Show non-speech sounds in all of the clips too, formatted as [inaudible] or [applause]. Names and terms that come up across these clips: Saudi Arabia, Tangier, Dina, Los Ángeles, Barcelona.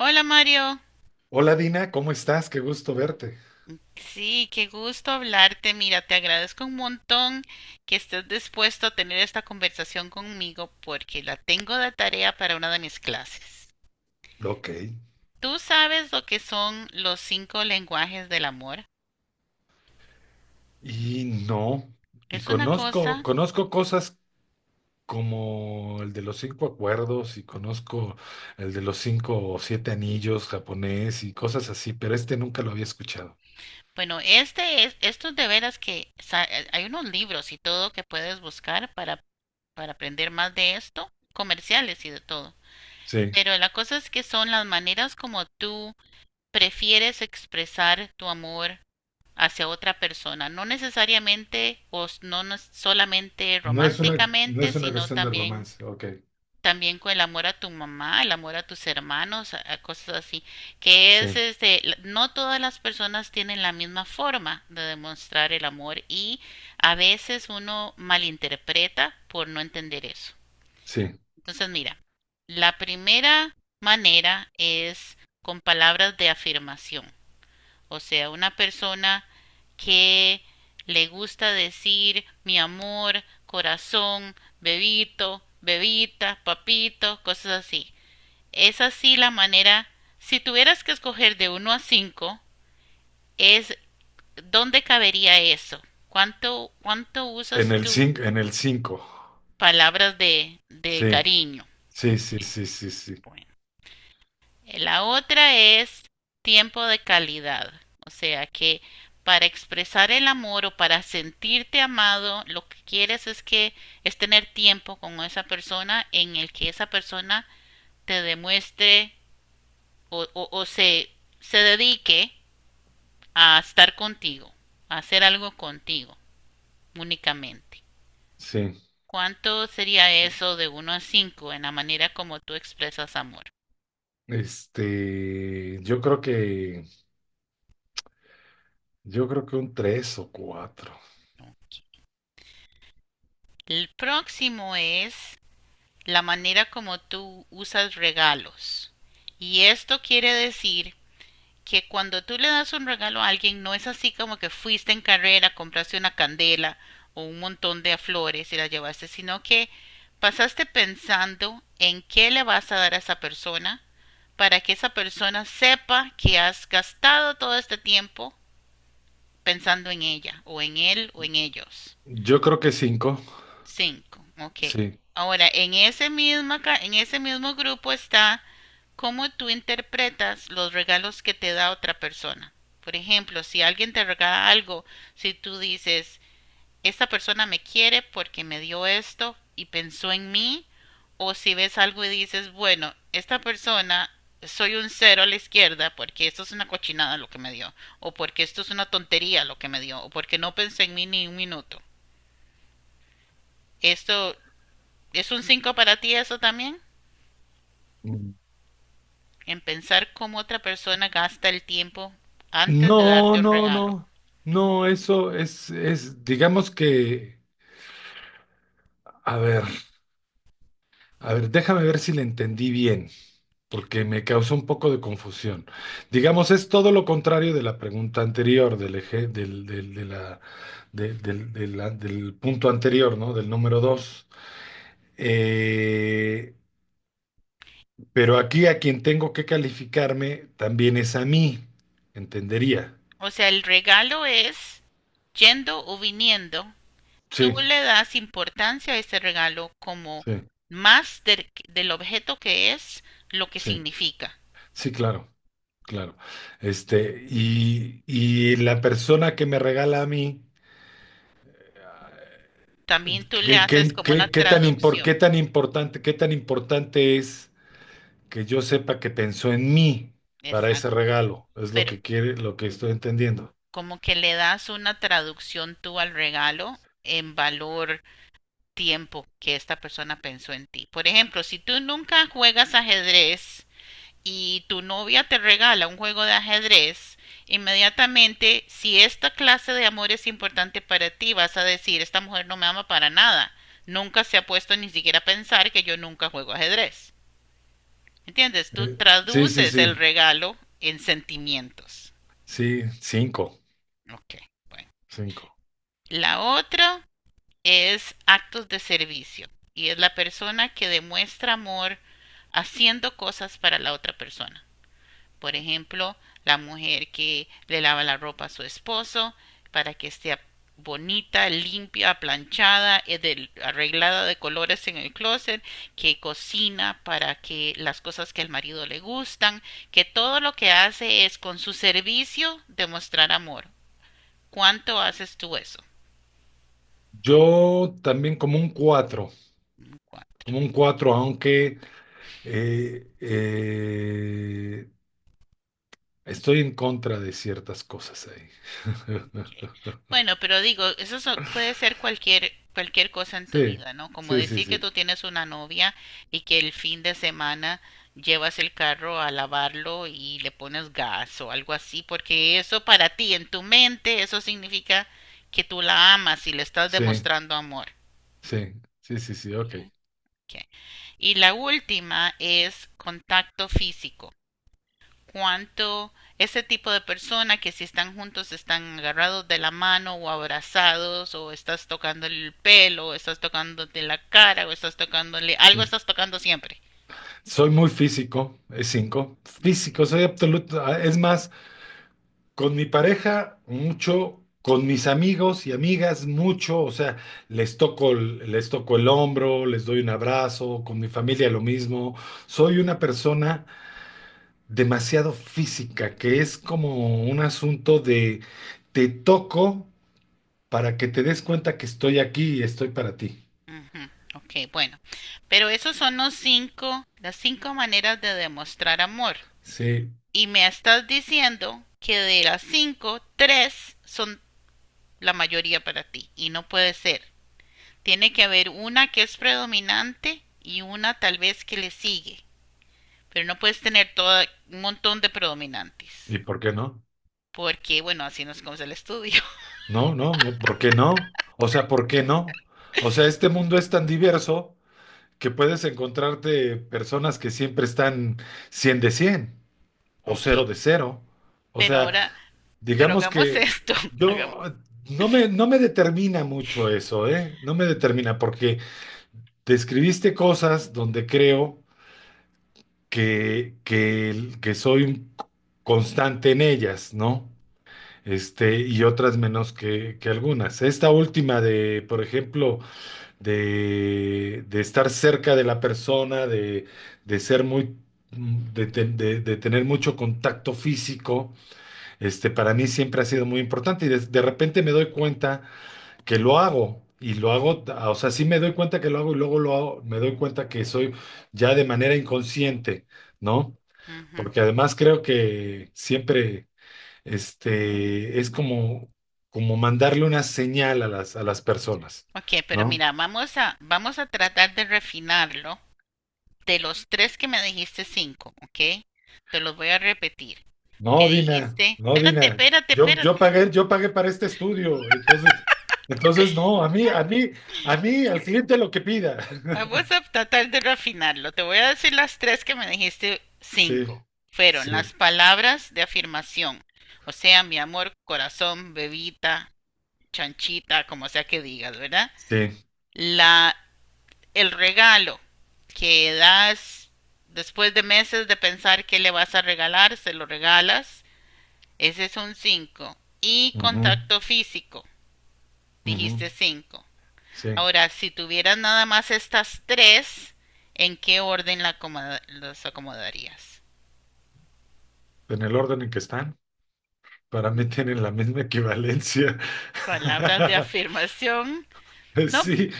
Hola Mario, Hola Dina, ¿cómo estás? Qué gusto verte. sí, qué gusto hablarte. Mira, te agradezco un montón que estés dispuesto a tener esta conversación conmigo porque la tengo de tarea para una de mis clases. Ok. ¿Tú sabes lo que son los cinco lenguajes del amor? Y no, y Es una conozco, cosa, conozco cosas como el de los cinco acuerdos y conozco el de los cinco o siete anillos japonés y cosas así, pero este nunca lo había escuchado. bueno, estos de veras que sa- hay unos libros y todo que puedes buscar para aprender más de esto, comerciales y de todo. Sí. Pero la cosa es que son las maneras como tú prefieres expresar tu amor hacia otra persona, no necesariamente no solamente No es una, no románticamente, es una sino cuestión de también romance. Ok. también con el amor a tu mamá, el amor a tus hermanos, a cosas así, que es Sí, no todas las personas tienen la misma forma de demostrar el amor y a veces uno malinterpreta por no entender eso. sí. Entonces, mira, la primera manera es con palabras de afirmación. O sea, una persona que le gusta decir mi amor, corazón, bebito, bebita, papito, cosas así. Es así la manera. Si tuvieras que escoger de uno a cinco, es dónde cabería eso. ¿Cuánto En usas el tú cinco, en el cinco. palabras de Sí, cariño? sí, Ok, sí, sí, sí, sí. bueno. La otra es tiempo de calidad, o sea que para expresar el amor o para sentirte amado, lo que quieres es que es tener tiempo con esa persona en el que esa persona te demuestre o, o, o se, se dedique a estar contigo, a hacer algo contigo únicamente. Sí. ¿Cuánto sería eso de uno a 5 en la manera como tú expresas amor? Este, yo creo que un tres o cuatro. El próximo es la manera como tú usas regalos. Y esto quiere decir que cuando tú le das un regalo a alguien, no es así como que fuiste en carrera, compraste una candela o un montón de flores y las llevaste, sino que pasaste pensando en qué le vas a dar a esa persona para que esa persona sepa que has gastado todo este tiempo pensando en ella o en él o en ellos. Yo creo que cinco, Cinco, ok. sí. Ahora, en ese mismo grupo está cómo tú interpretas los regalos que te da otra persona. Por ejemplo, si alguien te regala algo, si tú dices, esta persona me quiere porque me dio esto y pensó en mí, o si ves algo y dices, bueno, esta persona, soy un cero a la izquierda porque esto es una cochinada lo que me dio, o porque esto es una tontería lo que me dio, o porque no pensé en mí ni un minuto. Esto, ¿es un 5 para ti eso también? Mm. En pensar cómo otra persona gasta el tiempo antes de No, darte un no, regalo. no. No, eso es, digamos que, a ver, a ver, déjame ver si le entendí bien, porque me causó un poco de confusión. Digamos, es todo lo contrario de la pregunta anterior, del eje, del, del, de la, del punto anterior, ¿no? Del número 2. Eh, pero aquí a quien tengo que calificarme también es a mí, entendería. O sea, el regalo es yendo o viniendo. Tú Sí, le das importancia a ese regalo como sí, más del objeto que es lo que sí. significa. Sí, claro, claro. Este, y la persona que me regala a mí, También tú le haces como una traducción. Qué tan importante es que yo sepa que pensó en mí para ese Exacto. regalo. Es lo Pero que quiere, lo que estoy entendiendo. como que le das una traducción tú al regalo en valor tiempo que esta persona pensó en ti. Por ejemplo, si tú nunca juegas ajedrez y tu novia te regala un juego de ajedrez, inmediatamente, si esta clase de amor es importante para ti, vas a decir, esta mujer no me ama para nada. Nunca se ha puesto ni siquiera a pensar que yo nunca juego ajedrez. ¿Entiendes? Tú Eh, sí, sí, traduces sí, el regalo en sentimientos. sí, cinco, Ok, bueno. cinco. La otra es actos de servicio y es la persona que demuestra amor haciendo cosas para la otra persona. Por ejemplo, la mujer que le lava la ropa a su esposo para que esté bonita, limpia, planchada, arreglada de colores en el closet, que cocina para que las cosas que al marido le gustan, que todo lo que hace es con su servicio demostrar amor. ¿Cuánto haces tú eso? Yo también como un cuatro, Cuatro. como un cuatro, aunque eh, eh, estoy en contra de ciertas cosas ahí. [laughs] Sí. Bueno, pero digo, eso so- puede ser cualquier cosa en tu Sí, vida, ¿no? Como sí, sí, decir que sí, tú tienes una novia y que el fin de semana llevas el carro a lavarlo y le pones gas o algo así, porque eso para ti, en tu mente, eso significa que tú la amas y le estás sí, demostrando amor. sí, sí, sí, sí, ok, Ok, ok. Y la última es contacto físico. Cuánto ese tipo de persona que si están juntos están agarrados de la mano o abrazados o estás tocando el pelo o estás tocándote la cara o estás tocándole sí. algo, estás tocando siempre. Soy muy físico, es cinco. Físico, soy absoluto. Es más, con mi pareja, mucho, con mis amigos y amigas, mucho. O sea, les toco, les toco el hombro, les doy un abrazo, con mi familia lo mismo. Soy una persona demasiado física, que es como un asunto de te toco para que te des cuenta que estoy aquí y estoy para ti. Ujú, ok, bueno. Pero esos son los cinco, las cinco maneras de demostrar amor. Sí. Y me estás diciendo que de las cinco, tres son la mayoría para ti y no puede ser. Tiene que haber una que es predominante y una tal vez que le sigue. Pero no puedes tener todo un montón de ¿Y predominantes. por qué no? Porque, bueno, así nos comes el estudio. [laughs] No, no, no, ¿por qué no? O sea, ¿por qué no? O sea, este mundo es tan diverso que puedes encontrarte personas que siempre están 100 de 100 o Ok. 0 de 0. O Pero sea, ahora, pero digamos hagamos que esto. [laughs] Hagamos. yo no me determina mucho eso, ¿eh? No me determina porque describiste cosas donde creo que soy un constante en ellas, ¿no? Este, y otras menos que algunas. Esta última de, por ejemplo, de, estar cerca de la persona, de ser muy, de, de tener mucho contacto físico, este, para mí siempre ha sido muy importante y de repente me doy cuenta que lo hago. Y lo hago, o sea, sí me doy cuenta que lo hago y luego lo hago, me doy cuenta que soy ya de manera inconsciente, ¿no? Ujú. Porque además creo que siempre este, es como mandarle una señal a las personas, Ok, pero ¿no? mira, vamos a tratar de refinarlo. De los tres que me dijiste, cinco, ¿ok? Te los voy a repetir. Me No, Dina, dijiste, no, espérate, Dina. espérate, Yo, yo espérate. pagué, yo pagué para este estudio, entonces no, al cliente lo que pida. Vamos [laughs] a tratar de refinarlo. Te voy a decir las tres que me dijiste Sí, cinco. Fueron las sí, palabras de afirmación. O sea, mi amor, corazón, bebita, chanchita, como sea que digas, ¿verdad? sí, La, el regalo que das después de meses de pensar qué le vas a regalar, se lo regalas. Ese es un cinco. Y ujú, contacto físico, ujú, dijiste 5. sí. Ahora, si tuvieras nada más estas tres, ¿en qué orden la acomoda- los acomodarías? En el orden en que están, para mí tienen la misma equivalencia. Palabras de [laughs] afirmación. No, Sí,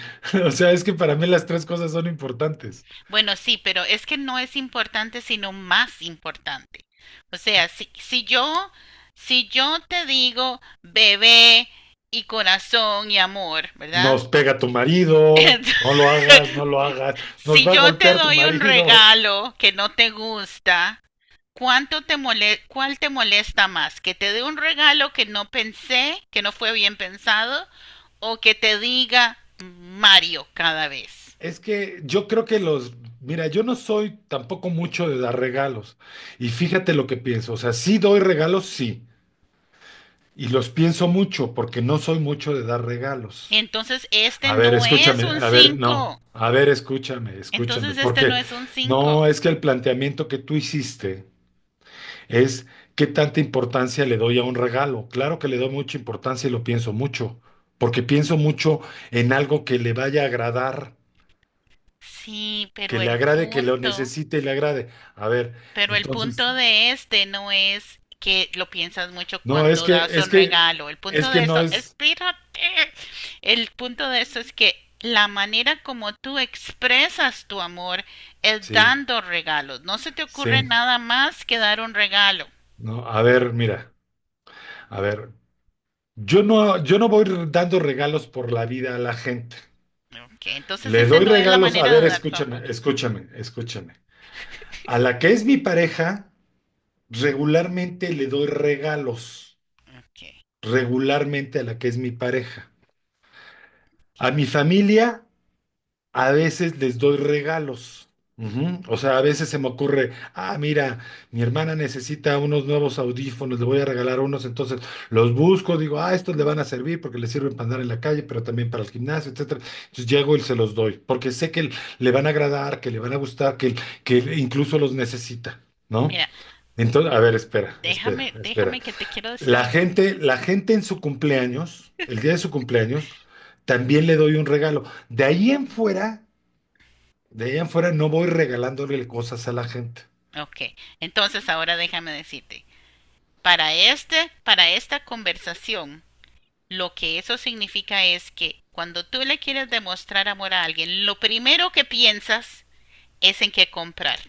o sea, es que para mí las tres cosas son importantes. bueno, sí, pero es que no es importante, sino más importante. O sea, si yo te digo bebé y corazón y amor, ¿verdad? Nos pega tu [laughs] marido, Entonces, no lo hagas, no lo hagas, nos si va a yo te golpear tu doy un marido. regalo que no te gusta, ¿cuánto te mole-? ¿Cuál te molesta más? ¿Que te dé un regalo que no pensé, que no fue bien pensado, o que te diga Mario cada vez? Es que yo creo que mira, yo no soy tampoco mucho de dar regalos. Y fíjate lo que pienso, o sea, sí doy regalos, sí, y los pienso mucho porque no soy mucho de dar regalos. Entonces, este A ver, no es escúchame, un a ver, no, 5. a ver, escúchame, escúchame, Entonces, este no porque es un cinco. no es que el planteamiento que tú hiciste es qué tanta importancia le doy a un regalo. Claro que le doy mucha importancia y lo pienso mucho, porque pienso mucho en algo que le vaya a agradar, Sí, que pero le el agrade, que lo punto. necesite y le agrade. A ver, Pero el entonces, punto de este no es que lo piensas mucho no, es cuando das que, es un que, regalo. El punto es de que no esto, es, espírate. El punto de esto es que la manera como tú expresas tu amor es sí, dando regalos. No se te ocurre sí, nada más que dar un regalo. no, a ver, mira, a ver, yo no voy dando regalos por la vida a la gente. Ok, entonces Le esa doy no es la regalos, a manera ver, de dar tu amor. escúchame, escúchame, escúchame. A la que es mi pareja, regularmente le doy regalos, Ok. regularmente a la que es mi pareja. A mi familia a veces les doy regalos. Ujú. O sea, a veces se me ocurre, ah, mira, mi hermana necesita unos nuevos audífonos, le voy a regalar unos, entonces los busco, digo, ah, estos le van a servir porque le sirven para andar en la calle, pero también para el gimnasio, etcétera. Entonces llego y se los doy, porque sé que le van a agradar, que le van a gustar, que incluso los necesita, ¿no? Mira, Entonces, a ver, espera, espera, déjame, espera. déjame que te quiero decir La algo. gente, la gente en su cumpleaños, el día de su cumpleaños, también le doy un regalo. De ahí en fuera, de ahí en fuera no voy regalándole cosas a la gente. Ok, entonces ahora déjame decirte. Para este, para esta conversación, lo que eso significa es que cuando tú le quieres demostrar amor a alguien, lo primero que piensas es en qué comprar.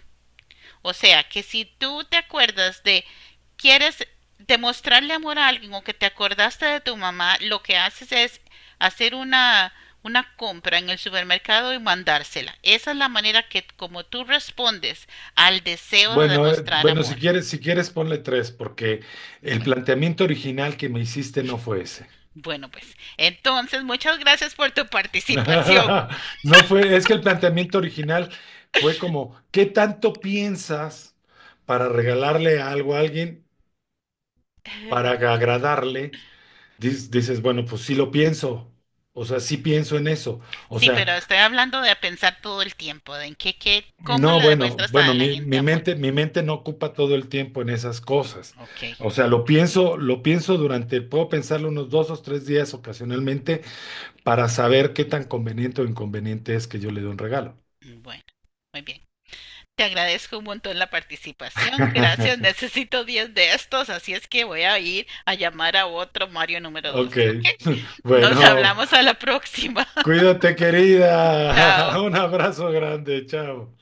O sea, que si tú te acuerdas de quieres demostrarle amor a alguien o que te acordaste de tu mamá, lo que haces es hacer una compra en el supermercado y mandársela. Esa es la manera que como tú respondes al deseo de Bueno, demostrar bueno, si amor. quieres, si quieres ponle tres, porque el Bueno, planteamiento original que me hiciste no fue ese. bueno pues entonces muchas gracias por tu participación. [laughs] No fue, es que el planteamiento original fue como, ¿qué tanto piensas para regalarle algo a alguien, para agradarle? Dices, bueno, pues sí lo pienso, o sea, sí pienso en eso, o Sí, sea, pero estoy hablando de pensar todo el tiempo, de en cómo no, le bueno, demuestras a bueno, la mi, gente mi amor. mente, mi mente no ocupa todo el tiempo en esas cosas, Ok, o sea, bueno, puedo pensarlo unos 2 o 3 días ocasionalmente para saber qué tan conveniente o inconveniente es que yo le dé un regalo. bueno, muy bien. Te agradezco un montón la participación. Gracias, [laughs] [laughs] necesito 10 de estos, así es que voy a ir a llamar a otro Mario número 2. Ok, ¿Ok? [laughs] Nos bueno, hablamos a la próxima. [laughs] cuídate Chao. querida, [laughs] un abrazo grande, chao.